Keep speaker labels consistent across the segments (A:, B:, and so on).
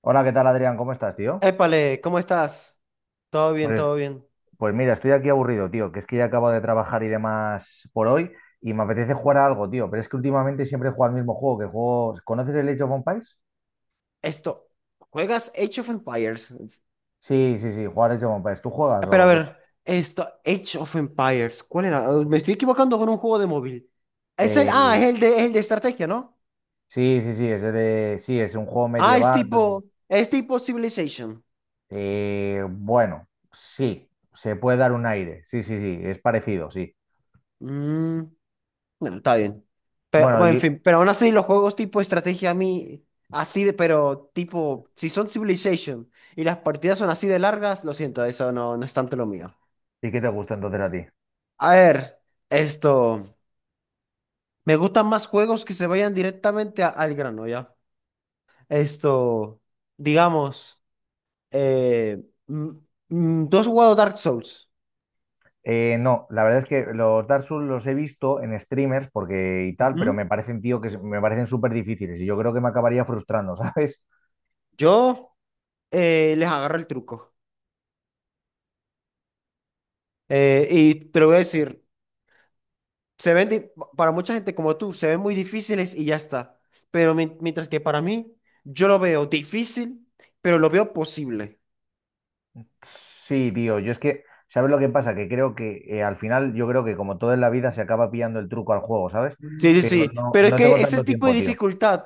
A: Hola, ¿qué tal, Adrián? ¿Cómo estás, tío?
B: Épale, ¿cómo estás? Todo bien,
A: Pues,
B: todo bien.
A: pues mira, estoy aquí aburrido, tío, que es que ya acabo de trabajar y demás por hoy y me apetece jugar a algo, tío, pero es que últimamente siempre juego al mismo juego, que juego... ¿Conoces el Age of Empires?
B: Esto, ¿Juegas Age of Empires?
A: Sí, sí, sí, jugar Age of Empires. ¿Tú juegas
B: Pero a
A: o qué?
B: ver, Age of Empires, ¿cuál era? Me estoy equivocando con un juego de móvil. Es
A: Eh,
B: el de, es el de estrategia, ¿no?
A: sí, sí, sí, es de... Sí, es un juego
B: Es
A: medieval.
B: tipo, es tipo Civilization.
A: Bueno, sí, se puede dar un aire. Sí, sí, sí, es parecido, sí.
B: Mm, bueno, está bien. Pero,
A: Bueno,
B: bueno, en
A: ¿y,
B: fin, pero aún así los juegos tipo estrategia a mí, así de, pero tipo, si son Civilization y las partidas son así de largas, lo siento, eso no, no es tanto lo mío.
A: ¿y qué te gusta entonces a ti?
B: A ver, esto. Me gustan más juegos que se vayan directamente al grano, ya. Esto, digamos, eh, mm, tú has jugado Dark Souls.
A: No, la verdad es que los Dark Souls los he visto en streamers porque y tal, pero
B: Ujú.
A: me parecen, tío, que me parecen súper difíciles y yo creo que me acabaría frustrando, ¿sabes?
B: Yo les agarro el truco. Y te lo voy a decir, se ven, para mucha gente como tú, se ven muy difíciles y ya está. Pero mientras que para mí, yo lo veo difícil, pero lo veo posible.
A: Sí, tío, yo es que, ¿sabes lo que pasa? Que creo que al final, yo creo que como todo en la vida se acaba pillando el truco al juego, ¿sabes?
B: Sí, sí,
A: Pero
B: sí.
A: no,
B: Pero es
A: no tengo
B: que ese
A: tanto
B: tipo de
A: tiempo, tío.
B: dificultad,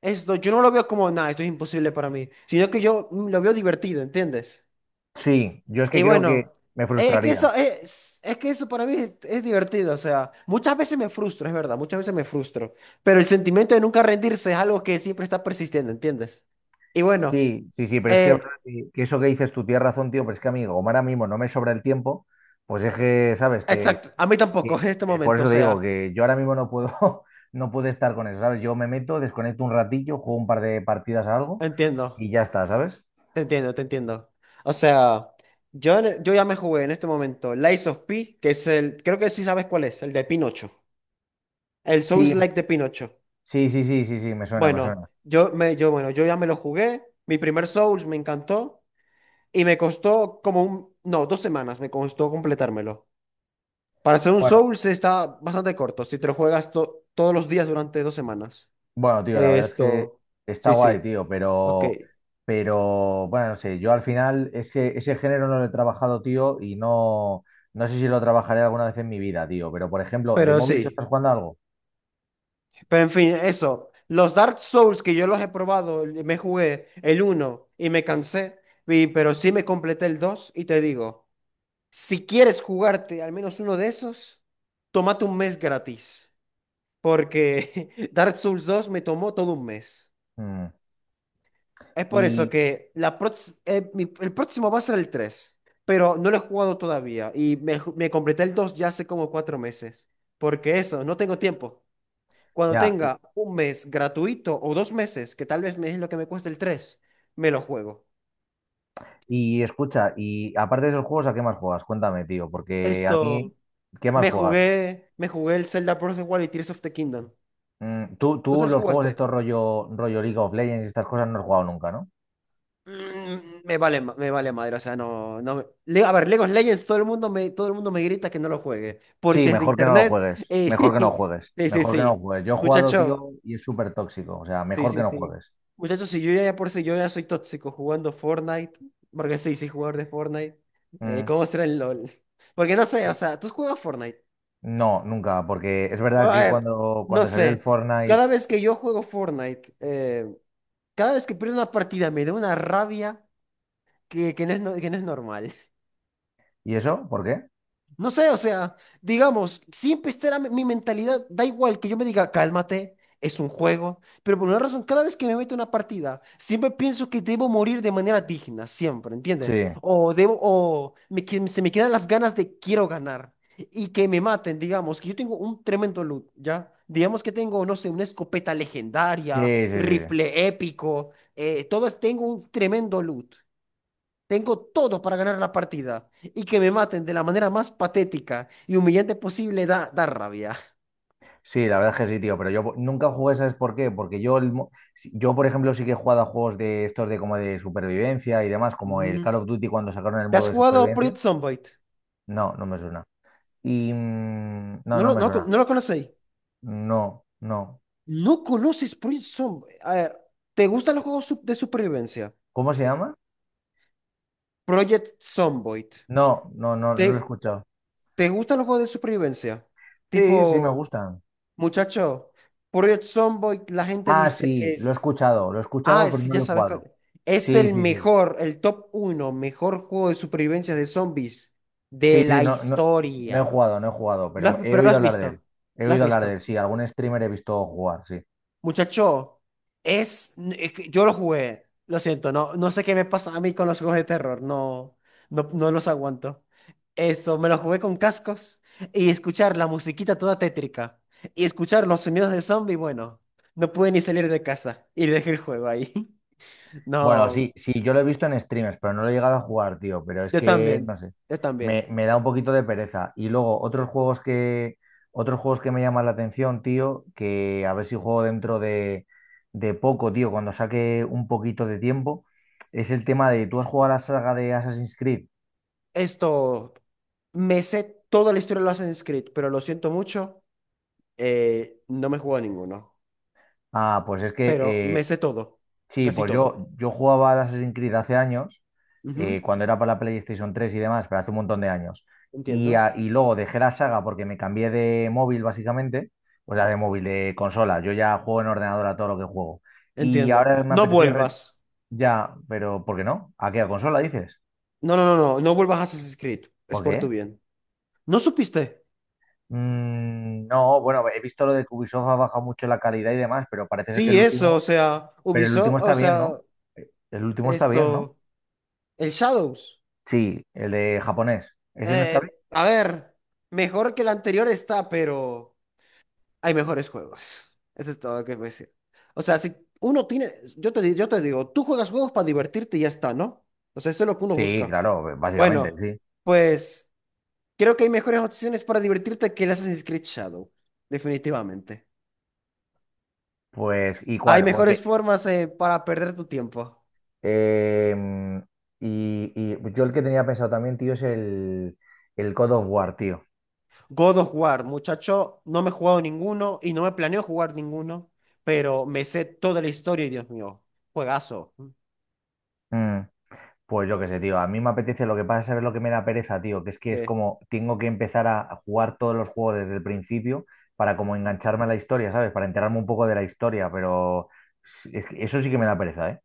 B: yo no lo veo como nada, esto es imposible para mí, sino que yo lo veo divertido, ¿entiendes?
A: Sí, yo es que
B: Y
A: creo
B: bueno,
A: que me frustraría.
B: es que eso para mí es divertido, o sea, muchas veces me frustro, es verdad, muchas veces me frustro, pero el sentimiento de nunca rendirse es algo que siempre está persistiendo, ¿entiendes? Y bueno,
A: Sí, sí, sí, pero es que, es verdad
B: eh,
A: que eso que dices tú tienes razón, tío, pero es que amigo, como ahora mismo no me sobra el tiempo, pues es que, ¿sabes? Que
B: exacto, a mí tampoco en este
A: por
B: momento, o
A: eso te digo
B: sea,
A: que yo ahora mismo no puedo, no puedo estar con eso, ¿sabes? Yo me meto, desconecto un ratillo, juego un par de partidas a algo y
B: entiendo.
A: ya está, ¿sabes?
B: Te entiendo, te entiendo. O sea, yo ya me jugué en este momento Lies of P, que es el, creo que sí sabes cuál es, el de Pinocho. El Souls
A: Sí,
B: Like de Pinocho.
A: sí, sí, sí, sí, sí, me suena, me suena.
B: Yo ya me lo jugué. Mi primer Souls me encantó y me costó como un, no, 2 semanas me costó completármelo. Para hacer un
A: Bueno,
B: Souls está bastante corto, si te lo juegas todos los días durante 2 semanas.
A: bueno, tío, la verdad es que
B: Esto,
A: está
B: sí,
A: guay,
B: sí,
A: tío,
B: ok.
A: pero bueno, no sé, yo al final es que ese género no lo he trabajado, tío, y no, no sé si lo trabajaré alguna vez en mi vida, tío, pero por ejemplo, de
B: Pero
A: móvil tú
B: sí.
A: estás jugando a algo.
B: Pero en fin, eso. Los Dark Souls que yo los he probado, me jugué el uno y me cansé, pero sí me completé el 2 y te digo, si quieres jugarte al menos uno de esos, tómate un mes gratis, porque Dark Souls 2 me tomó todo un mes.
A: Mm.
B: Es por eso
A: Y
B: que el próximo va a ser el tres, pero no lo he jugado todavía y me completé el 2 ya hace como 4 meses, porque eso, no tengo tiempo. Cuando
A: ya, y,
B: tenga un mes gratuito o 2 meses, que tal vez me es lo que me cuesta el 3 me lo juego.
A: Y escucha, y aparte de esos juegos, ¿a qué más juegas? Cuéntame, tío, porque a mí,
B: Esto,
A: ¿qué más
B: me
A: juegas?
B: jugué, me jugué el Zelda Breath of the Wild y Tears of the Kingdom.
A: Mm, tú,
B: ¿Tú
A: tú
B: tres
A: los juegos estos
B: jugaste?
A: rollo League of Legends y estas cosas no has jugado nunca, ¿no?
B: Me vale, me vale madre, o sea, no, no. A ver, League of Legends, todo el mundo me, todo el mundo me grita que no lo juegue por
A: Sí,
B: desde
A: mejor que no lo
B: internet.
A: juegues, mejor que no juegues,
B: Sí, sí,
A: mejor que no
B: sí.
A: juegues. Yo he jugado,
B: Muchacho,
A: tío, y es súper tóxico, o sea,
B: sí,
A: mejor que
B: sí,
A: no
B: sí.
A: juegues.
B: Muchachos, si yo ya por si yo ya soy tóxico jugando Fortnite, porque sí, soy jugador de Fortnite,
A: Mm,
B: ¿cómo será el LOL? Porque no sé, o
A: sí.
B: sea, tú juegas Fortnite.
A: No, nunca, porque es verdad
B: Bueno, a
A: que
B: ver,
A: cuando,
B: no
A: cuando salió el
B: sé.
A: Fortnite
B: Cada vez que yo juego Fortnite, cada vez que pierdo una partida me da una rabia que no es, no- que no es normal.
A: y eso, ¿por qué?
B: No sé, o sea, digamos, siempre estará mi mentalidad, da igual que yo me diga, cálmate, es un juego, pero por una razón, cada vez que me meto en una partida, siempre pienso que debo morir de manera digna, siempre,
A: Sí.
B: ¿entiendes? O debo, o me que- Se me quedan las ganas de quiero ganar y que me maten, digamos, que yo tengo un tremendo loot, ¿ya? Digamos que tengo, no sé, una escopeta legendaria,
A: Sí, sí, sí.
B: rifle épico, todo, tengo un tremendo loot. Tengo todo para ganar la partida y que me maten de la manera más patética y humillante posible da rabia.
A: Sí, la verdad es que sí, tío, pero yo nunca jugué, ¿sabes por qué? Porque yo, el yo, por ejemplo, sí que he jugado a juegos de estos de como de supervivencia y demás, como el
B: Mm,
A: Call of Duty cuando sacaron el
B: ¿Te
A: modo
B: has
A: de
B: jugado
A: supervivencia.
B: Project Zomboid?
A: No, no me suena. Y no,
B: ¿No
A: no
B: lo,
A: me
B: no, lo
A: suena.
B: no lo conocéis?
A: No, no.
B: ¿No conoces Project Zomboid? A ver, ¿te gustan los juegos de supervivencia?
A: ¿Cómo se llama?
B: Project Zomboid.
A: No, no, no, no lo he
B: ¿Te,
A: escuchado.
B: te gustan los juegos de supervivencia?
A: Sí, sí, me
B: Tipo,
A: gustan.
B: muchacho, Project Zomboid, la gente
A: Ah,
B: dice
A: sí,
B: que es.
A: lo he escuchado,
B: Ah,
A: pero
B: sí,
A: no
B: ya
A: lo he
B: sabes
A: jugado.
B: cuál. Es
A: Sí,
B: el
A: sí, sí.
B: mejor, el top uno, mejor juego de supervivencia de zombies de
A: Sí, sí,
B: la
A: no, no, no he
B: historia.
A: jugado, no he jugado, pero he
B: Pero lo
A: oído
B: has
A: hablar de él.
B: visto.
A: He
B: Lo has
A: oído hablar de él,
B: visto.
A: sí, algún streamer he visto jugar, sí.
B: Muchacho, es que yo lo jugué. Lo siento, no, no sé qué me pasa a mí con los juegos de terror. No, no, no los aguanto. Eso, me lo jugué con cascos y escuchar la musiquita toda tétrica y escuchar los sonidos de zombie, bueno, no pude ni salir de casa y dejé el juego ahí.
A: Bueno,
B: No.
A: sí, sí, yo lo he visto en streamers, pero no lo he llegado a jugar, tío. Pero es
B: Yo
A: que, no
B: también,
A: sé,
B: yo
A: me,
B: también.
A: me da un poquito de pereza. Y luego, otros juegos que me llaman la atención, tío, que a ver si juego dentro de poco, tío, cuando saque un poquito de tiempo, es el tema de, ¿tú has jugado a la saga de Assassin's Creed?
B: Esto, Me sé toda la historia de los Assassin's Creed, pero lo siento mucho, no me juego a ninguno.
A: Ah, pues es que
B: Pero me sé todo,
A: sí,
B: casi
A: pues
B: todo.
A: yo jugaba al Assassin's Creed hace años,
B: Ujú,
A: cuando era para la PlayStation 3 y demás, pero hace un montón de años. Y,
B: entiendo,
A: y luego dejé la saga porque me cambié de móvil, básicamente, o sea, de móvil, de consola. Yo ya juego en ordenador a todo lo que juego. Y
B: entiendo.
A: ahora me
B: No
A: apetece
B: vuelvas.
A: ya, pero ¿por qué no? ¿A qué? ¿A consola dices?
B: No, no, no, no, no vuelvas a Assassin's Creed. Es
A: ¿Por
B: por tu
A: qué?
B: bien. ¿No supiste?
A: Mm, no, bueno, he visto lo de que Ubisoft ha bajado mucho la calidad y demás, pero parece ser que
B: Sí,
A: el
B: eso,
A: último,
B: o sea,
A: pero el
B: Ubisoft,
A: último
B: o
A: está bien, ¿no?
B: sea,
A: El último está bien, ¿no?
B: esto, el Shadows.
A: Sí, el de japonés. Ese no está
B: A ver, mejor que el anterior está, pero hay mejores juegos. Eso es todo lo que voy a decir. O sea, si uno tiene, yo te digo, tú juegas juegos para divertirte y ya está, ¿no? O sea, eso es lo que uno
A: Sí,
B: busca.
A: claro, básicamente,
B: Bueno,
A: sí.
B: pues creo que hay mejores opciones para divertirte que el Assassin's Creed Shadow, definitivamente.
A: Pues, ¿y
B: Hay
A: cuál? Porque,
B: mejores formas para perder tu tiempo.
A: em, y yo el que tenía pensado también, tío, es el God of War, tío.
B: God of War, muchacho, no me he jugado ninguno y no me planeo jugar ninguno, pero me sé toda la historia y Dios mío, juegazo.
A: Mm, pues yo qué sé, tío, a mí me apetece, lo que pasa es saber lo que me da pereza, tío, que es
B: ¿Qué?
A: como, tengo que empezar a jugar todos los juegos desde el principio para como engancharme a la historia, ¿sabes? Para enterarme un poco de la historia, pero es que eso sí que me da pereza, ¿eh?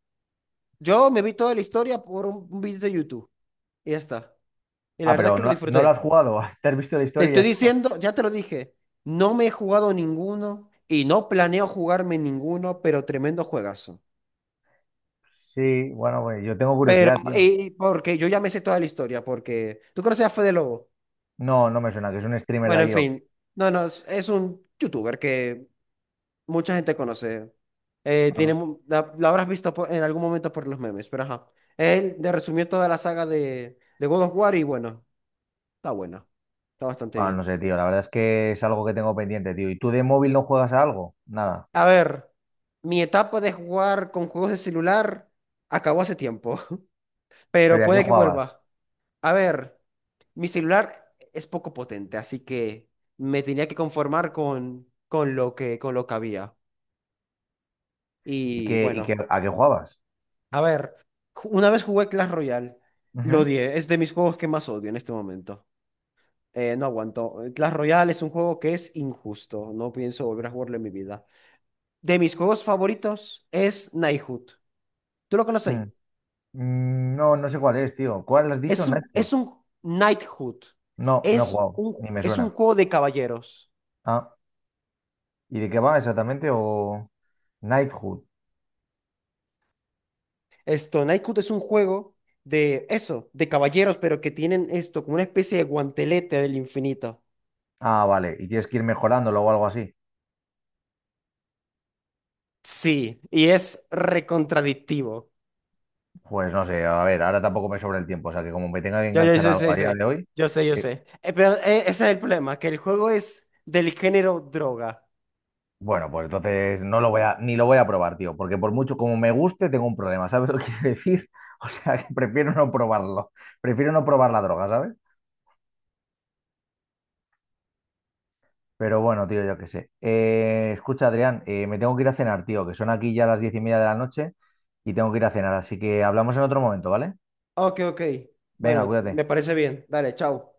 B: Yo me vi toda la historia por un video de YouTube. Y ya está. Y la
A: Ah,
B: verdad es
A: pero
B: que lo
A: no, no lo has
B: disfruté.
A: jugado, te has visto la
B: Te
A: historia y ya
B: estoy
A: está.
B: diciendo, ya te lo dije, no me he jugado ninguno y no planeo jugarme ninguno, pero tremendo juegazo.
A: Sí, bueno, pues yo tengo
B: Pero,
A: curiosidad, tío.
B: y porque yo ya me sé toda la historia, porque tú conoces a Fede Lobo.
A: No, no me suena, que es un streamer de
B: Bueno, en
A: allí. O qué.
B: fin, no, no, es un youtuber que mucha gente conoce.
A: Ah.
B: Tiene, la habrás visto en algún momento por los memes, pero ajá. Él te resumió toda la saga de God of War y bueno, está bastante
A: Bueno, no
B: bien.
A: sé, tío, la verdad es que es algo que tengo pendiente, tío. ¿Y tú de móvil no juegas a algo? Nada.
B: A ver, mi etapa de jugar con juegos de celular acabó hace tiempo,
A: ¿Pero
B: pero
A: ¿y a qué
B: puede que
A: jugabas?
B: vuelva. A ver, mi celular es poco potente, así que me tenía que conformar con lo que había. Y bueno,
A: ¿A qué jugabas?
B: a ver, una vez jugué Clash Royale, lo
A: Ujú.
B: odié, es de mis juegos que más odio en este momento. No aguanto. Clash Royale es un juego que es injusto, no pienso volver a jugarlo en mi vida. De mis juegos favoritos es Knighthood. ¿Tú lo conoces?
A: Mm. Mm, no, no sé cuál es, tío. ¿Cuál has dicho?
B: Es un,
A: Nightfall.
B: es un Knighthood.
A: No, no he
B: Es
A: jugado,
B: un,
A: ni me
B: es un
A: suena.
B: juego de caballeros.
A: Ah, ¿y de qué va exactamente? ¿O Knighthood?
B: Knighthood es un juego de eso, de caballeros, pero que tienen como una especie de guantelete del infinito.
A: Ah, vale, y tienes que ir mejorándolo o algo así.
B: Sí, y es recontradictivo.
A: Pues no sé, a ver, ahora tampoco me sobra el tiempo, o sea que como me tenga que enganchar a algo
B: Yo
A: a día de
B: sé.
A: hoy,
B: Yo sé, yo
A: eh,
B: sé. Pero ese es el problema, que el juego es del género droga.
A: bueno, pues entonces no lo voy a, ni lo voy a probar, tío, porque por mucho como me guste, tengo un problema, ¿sabes lo que quiero decir? O sea, que prefiero no probarlo, prefiero no probar la droga, ¿sabes? Pero bueno, tío, yo qué sé. Escucha, Adrián, me tengo que ir a cenar, tío, que son aquí ya las 10:30 de la noche y tengo que ir a cenar, así que hablamos en otro momento, ¿vale?
B: Ok, ok.
A: Venga,
B: Bueno,
A: cuídate.
B: me parece bien. Dale, chao.